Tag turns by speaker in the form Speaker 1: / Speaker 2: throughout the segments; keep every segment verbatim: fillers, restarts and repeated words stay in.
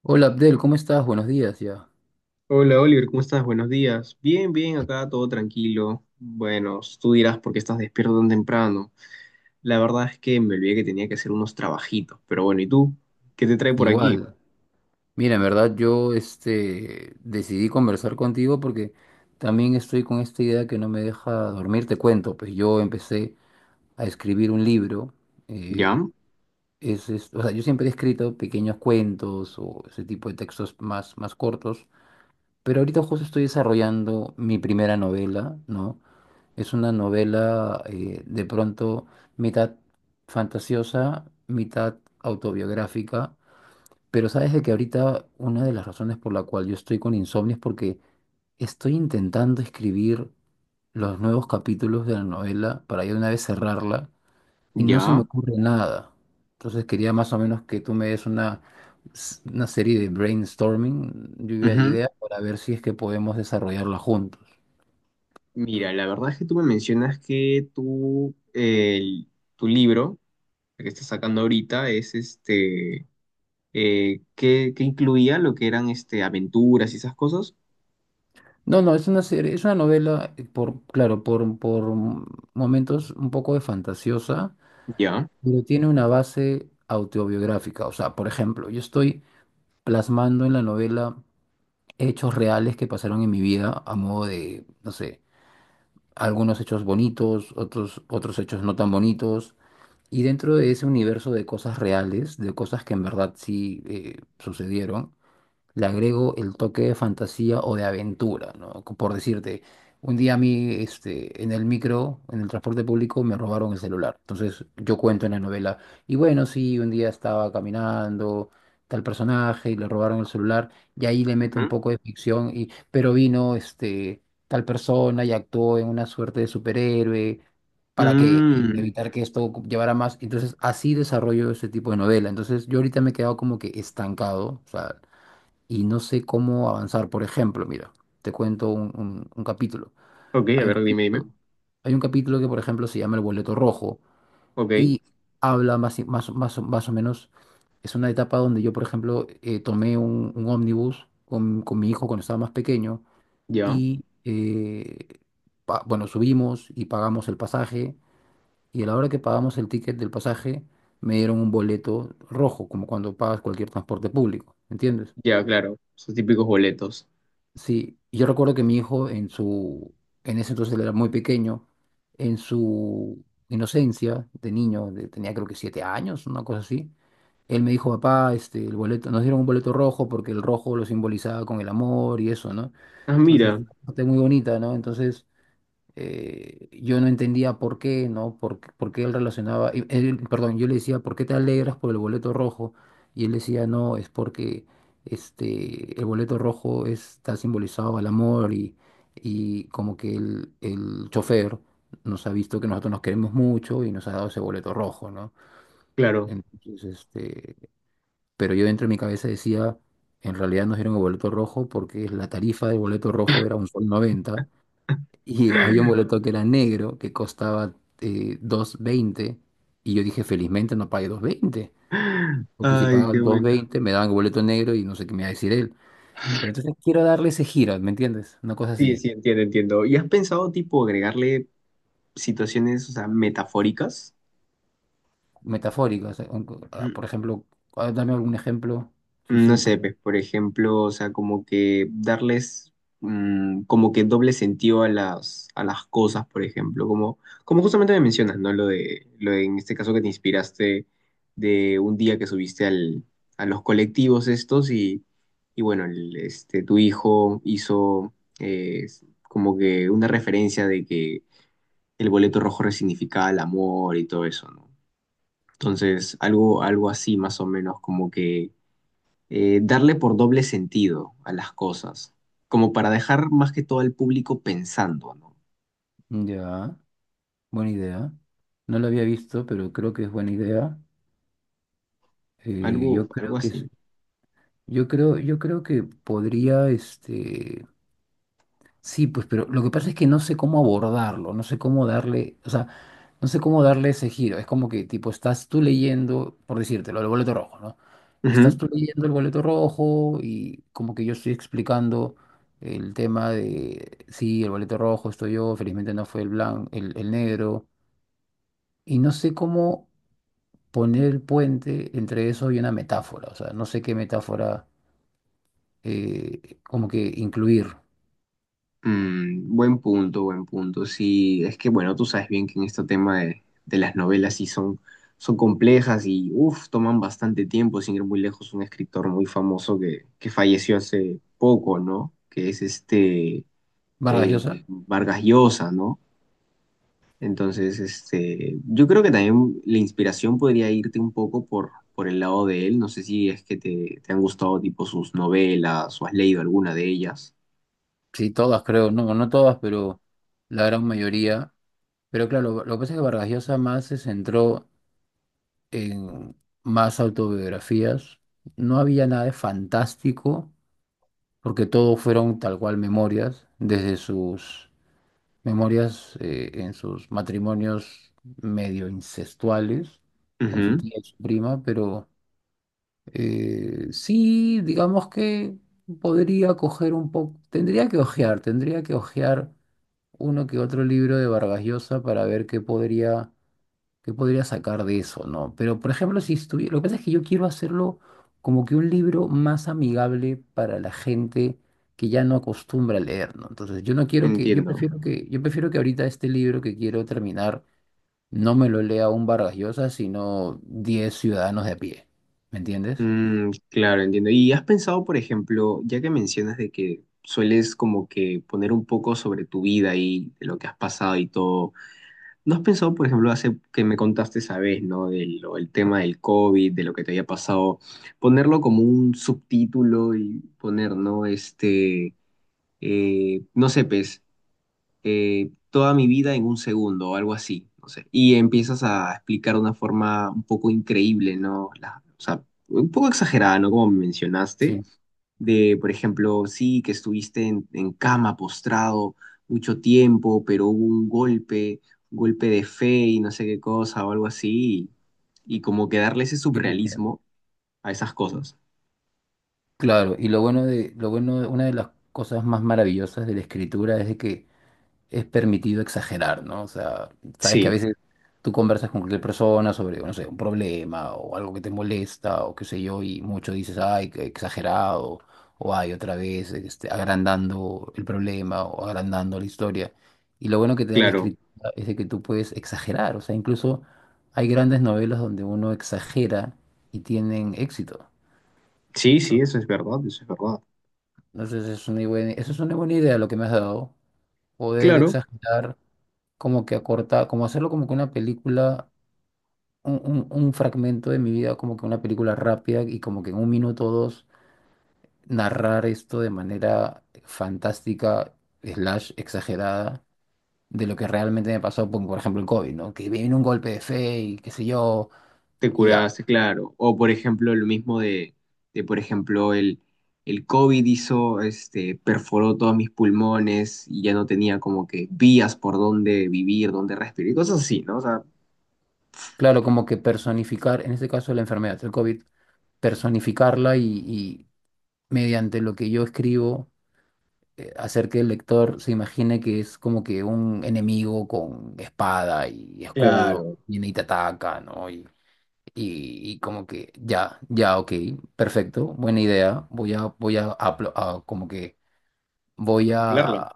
Speaker 1: Hola Abdel, ¿cómo estás? Buenos días ya.
Speaker 2: Hola Oliver, ¿cómo estás? Buenos días. Bien, bien, acá todo tranquilo. Bueno, tú dirás por qué estás despierto tan temprano. La verdad es que me olvidé que tenía que hacer unos trabajitos, pero bueno, ¿y tú? ¿Qué te trae por aquí?
Speaker 1: Igual. Mira, en verdad yo este, decidí conversar contigo porque también estoy con esta idea que no me deja dormir. Te cuento, pues yo empecé a escribir un libro. eh,
Speaker 2: ¿Ya?
Speaker 1: es, es- o sea, yo siempre he escrito pequeños cuentos o ese tipo de textos más, más cortos, pero ahorita justo estoy desarrollando mi primera novela, ¿no? Es una novela eh, de pronto mitad fantasiosa, mitad autobiográfica. Pero sabes de que ahorita una de las razones por la cual yo estoy con insomnio es porque estoy intentando escribir los nuevos capítulos de la novela para ya de una vez cerrarla y no se me
Speaker 2: ¿Ya?
Speaker 1: ocurre nada. Entonces quería más o menos que tú me des una, s- una serie de brainstorming, lluvia de
Speaker 2: Ujú.
Speaker 1: ideas, para ver si es que podemos desarrollarla juntos.
Speaker 2: Mira, la verdad es que tú me mencionas que tú, el- tu libro, el que estás sacando ahorita, es este, eh, que, que incluía lo que eran este, aventuras y esas cosas.
Speaker 1: No, no, es una serie, es una novela, eh, por, claro, por, por momentos un poco de fantasiosa,
Speaker 2: ¿Ya?
Speaker 1: pero tiene una base autobiográfica. O sea, por ejemplo, yo estoy plasmando en la novela hechos reales que pasaron en mi vida a modo de, no sé, algunos hechos bonitos, otros, otros hechos no tan bonitos. Y dentro de ese universo de cosas reales, de cosas que en verdad sí eh, sucedieron, le agrego el toque de fantasía o de aventura, ¿no? Co- Por decirte, un día a mí, este, en el micro, en el transporte público, me robaron el celular. Entonces yo cuento en la novela, y bueno, sí, un día estaba caminando tal personaje y le robaron el celular, y ahí le meto un
Speaker 2: Ujú.
Speaker 1: poco de ficción, y, pero vino, este, tal persona y actuó en una suerte de superhéroe para que
Speaker 2: Mm,
Speaker 1: evitar que esto llevara más. Entonces, así desarrollo este tipo de novela. Entonces, yo ahorita me he quedado como que estancado. O sea, y no sé cómo avanzar. Por ejemplo, mira, te cuento un, un- un capítulo.
Speaker 2: ok, a
Speaker 1: Hay un
Speaker 2: ver, dime, dime.
Speaker 1: capítulo, hay un capítulo que, por ejemplo, se llama El Boleto Rojo
Speaker 2: Ok,
Speaker 1: y habla más, y- más, más, o- más o menos, es una etapa donde yo, por ejemplo, eh, tomé un, un ómnibus con, con mi hijo cuando estaba más pequeño
Speaker 2: ya.
Speaker 1: y, eh, pa- bueno, subimos y pagamos el pasaje, y a la hora que pagamos el ticket del pasaje me dieron un boleto rojo, como cuando pagas cualquier transporte público, ¿entiendes?
Speaker 2: Ya, claro, esos típicos boletos.
Speaker 1: Sí, yo recuerdo que mi hijo en su, en ese entonces él era muy pequeño, en su inocencia de niño, de- tenía creo que siete años, una cosa así. Él me dijo, papá, este, el boleto, nos dieron un boleto rojo porque el rojo lo simbolizaba con el amor y eso, ¿no?
Speaker 2: Ah,
Speaker 1: Entonces,
Speaker 2: mira,
Speaker 1: parte muy bonita, ¿no? Entonces, eh, yo no entendía por qué, ¿no? Por, qué ¿por qué él relacionaba? Y él- perdón, yo le decía, ¿por qué te alegras por el boleto rojo? Y él decía, no, es porque este, el boleto rojo está simbolizado al amor, y, y como que el, el chofer nos ha visto que nosotros nos queremos mucho y nos ha dado ese boleto rojo, ¿no?
Speaker 2: claro.
Speaker 1: Entonces, este, pero yo dentro de mi cabeza decía, en realidad nos dieron el boleto rojo porque la tarifa del boleto rojo era un sol noventa y había un boleto que era negro, que costaba eh, dos veinte. Y yo dije, felizmente no pagué dos veinte, porque si
Speaker 2: Ay,
Speaker 1: pagaba,
Speaker 2: qué
Speaker 1: claro, dos
Speaker 2: buena.
Speaker 1: veinte me daban el boleto negro y no sé qué me iba a decir él. Pero entonces quiero darle ese giro, ¿me entiendes? Una cosa
Speaker 2: Sí,
Speaker 1: así,
Speaker 2: sí, entiendo, entiendo. ¿Y has pensado, tipo, agregarle situaciones, o sea, metafóricas?
Speaker 1: metafórica. O sea, un- ah, por ejemplo, ah, dame algún ejemplo, sí,
Speaker 2: mm, No sé,
Speaker 1: simple.
Speaker 2: pues, por ejemplo, o sea, como que darles mm, como que doble sentido a las, a las cosas, por ejemplo, como, como justamente me mencionas, ¿no? Lo de, lo de, en este caso que te inspiraste de un día que subiste al, a los colectivos estos y, y bueno, el- este, tu hijo hizo eh, como que una referencia de que el boleto rojo resignificaba el amor y todo eso, ¿no? Entonces, algo, algo así más o menos como que eh, darle por doble sentido a las cosas, como para dejar más que todo al público pensando, ¿no?
Speaker 1: Ya, buena idea. No lo había visto, pero creo que es buena idea. Eh,
Speaker 2: Algo,
Speaker 1: yo creo
Speaker 2: algo
Speaker 1: que es-
Speaker 2: así.
Speaker 1: yo creo, yo creo que podría, este, sí, pues, pero lo que pasa es que no sé cómo abordarlo, no sé cómo darle, o sea, no sé cómo darle ese giro. Es como que, tipo, estás tú leyendo, por decírtelo, el boleto rojo, ¿no? Estás
Speaker 2: Ujú.
Speaker 1: tú leyendo el boleto rojo y como que yo estoy explicando el tema de, sí, el boleto rojo estoy yo, felizmente no fue el blanco, el, el negro, y no sé cómo poner el puente entre eso y una metáfora, o sea, no sé qué metáfora eh, como que incluir.
Speaker 2: Mm, buen punto, buen punto. Sí, es que bueno, tú sabes bien que en este tema de, de las novelas sí son, son complejas y uff, toman bastante tiempo, sin ir muy lejos, un escritor muy famoso que, que falleció hace poco, ¿no? Que es este
Speaker 1: Vargas
Speaker 2: eh,
Speaker 1: Llosa.
Speaker 2: Vargas Llosa, ¿no? Entonces, este, yo creo que también la inspiración podría irte un poco por, por el lado de él. No sé si es que te, te han gustado tipo sus novelas o has leído alguna de ellas.
Speaker 1: Sí, todas creo, no, no todas, pero la gran mayoría. Pero claro, lo, lo que pasa es que Vargas Llosa más se centró en más autobiografías. No había nada de fantástico, porque todo fueron tal cual memorias, desde sus memorias eh, en sus matrimonios medio incestuales con su
Speaker 2: Ujú.
Speaker 1: tía y su prima, pero eh, sí, digamos que podría coger un poco, tendría que ojear, tendría que ojear uno que otro libro de Vargas Llosa para ver qué podría, qué podría, sacar de eso, ¿no? Pero, por ejemplo, si estuviera, lo que pasa es que yo quiero hacerlo como que un libro más amigable para la gente que ya no acostumbra a leer, ¿no? Entonces, yo no quiero que, yo
Speaker 2: Entiendo.
Speaker 1: prefiero que, yo prefiero que ahorita este libro que quiero terminar no me lo lea un Vargas Llosa, sino diez ciudadanos de a pie, ¿me entiendes?
Speaker 2: Mm, claro, entiendo. ¿Y has pensado, por ejemplo, ya que mencionas de que sueles como que poner un poco sobre tu vida y de lo que has pasado y todo? ¿No has pensado, por ejemplo, hace que me contaste esa vez, ¿no? Del, lo- el tema del COVID, de lo que te había pasado, ponerlo como un subtítulo y poner, ¿no? Este, eh, no sé, pues, eh, toda mi vida en un segundo o algo así, no sé. Y empiezas a explicar de una forma un poco increíble, ¿no? La- o sea, un poco exagerada, ¿no? Como mencionaste
Speaker 1: Sí,
Speaker 2: de, por ejemplo, sí, que estuviste en, en cama postrado mucho tiempo, pero hubo un golpe, un golpe de fe y no sé qué cosa o algo así, y, y como que darle ese
Speaker 1: sí te entiendo.
Speaker 2: surrealismo a esas cosas.
Speaker 1: Claro, y lo bueno de, lo bueno, una de las cosas más maravillosas de la escritura es de que es permitido exagerar, ¿no? O sea, sabes que a
Speaker 2: Sí,
Speaker 1: veces tú conversas con cualquier persona sobre, no sé, un problema o algo que te molesta o qué sé yo, y mucho dices, ay, qué exagerado, o ay, otra vez, este, agrandando el problema o agrandando la historia. Y lo bueno que te da la
Speaker 2: claro.
Speaker 1: escritura es de que tú puedes exagerar, o sea, incluso hay grandes novelas donde uno exagera y tienen éxito.
Speaker 2: Sí, sí, eso es verdad, eso es verdad.
Speaker 1: Entonces, es una buena, eso es una buena idea lo que me has dado, poder
Speaker 2: Claro,
Speaker 1: exagerar, como que acortar, como hacerlo como que una película, un, un- un fragmento de mi vida, como que una película rápida y como que en un minuto o dos narrar esto de manera fantástica, slash exagerada, de lo que realmente me pasó, como por ejemplo el COVID, ¿no? Que viene un golpe de fe y qué sé yo,
Speaker 2: te
Speaker 1: y ya.
Speaker 2: curaste, claro. O por ejemplo, lo mismo de, de por ejemplo, el, el COVID hizo, este, perforó todos mis pulmones y ya no tenía como que vías por dónde vivir, dónde respirar y cosas así, ¿no? O sea,
Speaker 1: Claro, como que personificar, en este caso la enfermedad, el COVID, personificarla y y mediante lo que yo escribo eh, hacer que el lector se imagine que es como que un enemigo con espada y escudo,
Speaker 2: claro,
Speaker 1: viene y te ataca, ¿no? Y, y, y como que ya, ya, ok, perfecto, buena idea, voy a, voy a, apl- a- como que voy
Speaker 2: a cumpleaños.
Speaker 1: a,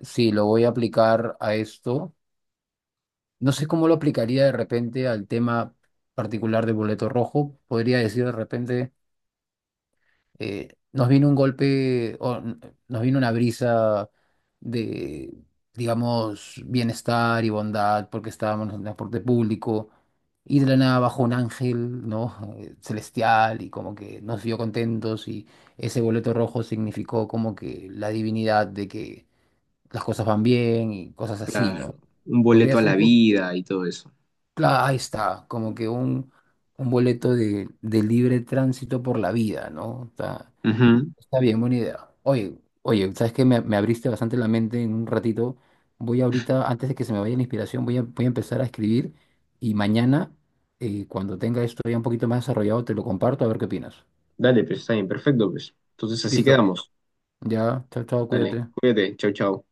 Speaker 1: sí, lo voy a aplicar a esto. No sé cómo lo aplicaría de repente al tema particular del boleto rojo, podría decir de repente, eh, nos vino un golpe, o n- nos vino una brisa de, digamos, bienestar y bondad, porque estábamos en el transporte público, y de la nada bajó un ángel, ¿no? Eh, celestial, y como que nos vio contentos, y ese boleto rojo significó como que la divinidad de que las cosas van bien y cosas así, ¿no?
Speaker 2: Claro, un
Speaker 1: Podría
Speaker 2: boleto a la
Speaker 1: ser, por-
Speaker 2: vida y todo eso.
Speaker 1: claro, ahí está, como que un, un, boleto de, de libre tránsito por la vida, ¿no? Está-
Speaker 2: Ujú.
Speaker 1: Está bien, buena idea. Oye, oye, sabes que me, me abriste bastante la mente en un ratito. Voy ahorita, antes de que se me vaya la inspiración, voy a, voy a empezar a escribir y mañana, eh, cuando tenga esto ya un poquito más desarrollado, te lo comparto a ver qué opinas.
Speaker 2: Dale, pues está bien, perfecto, pues. Entonces así
Speaker 1: Listo.
Speaker 2: quedamos.
Speaker 1: Ya, chao, chao,
Speaker 2: Dale,
Speaker 1: cuídate.
Speaker 2: cuídate, chau, chau.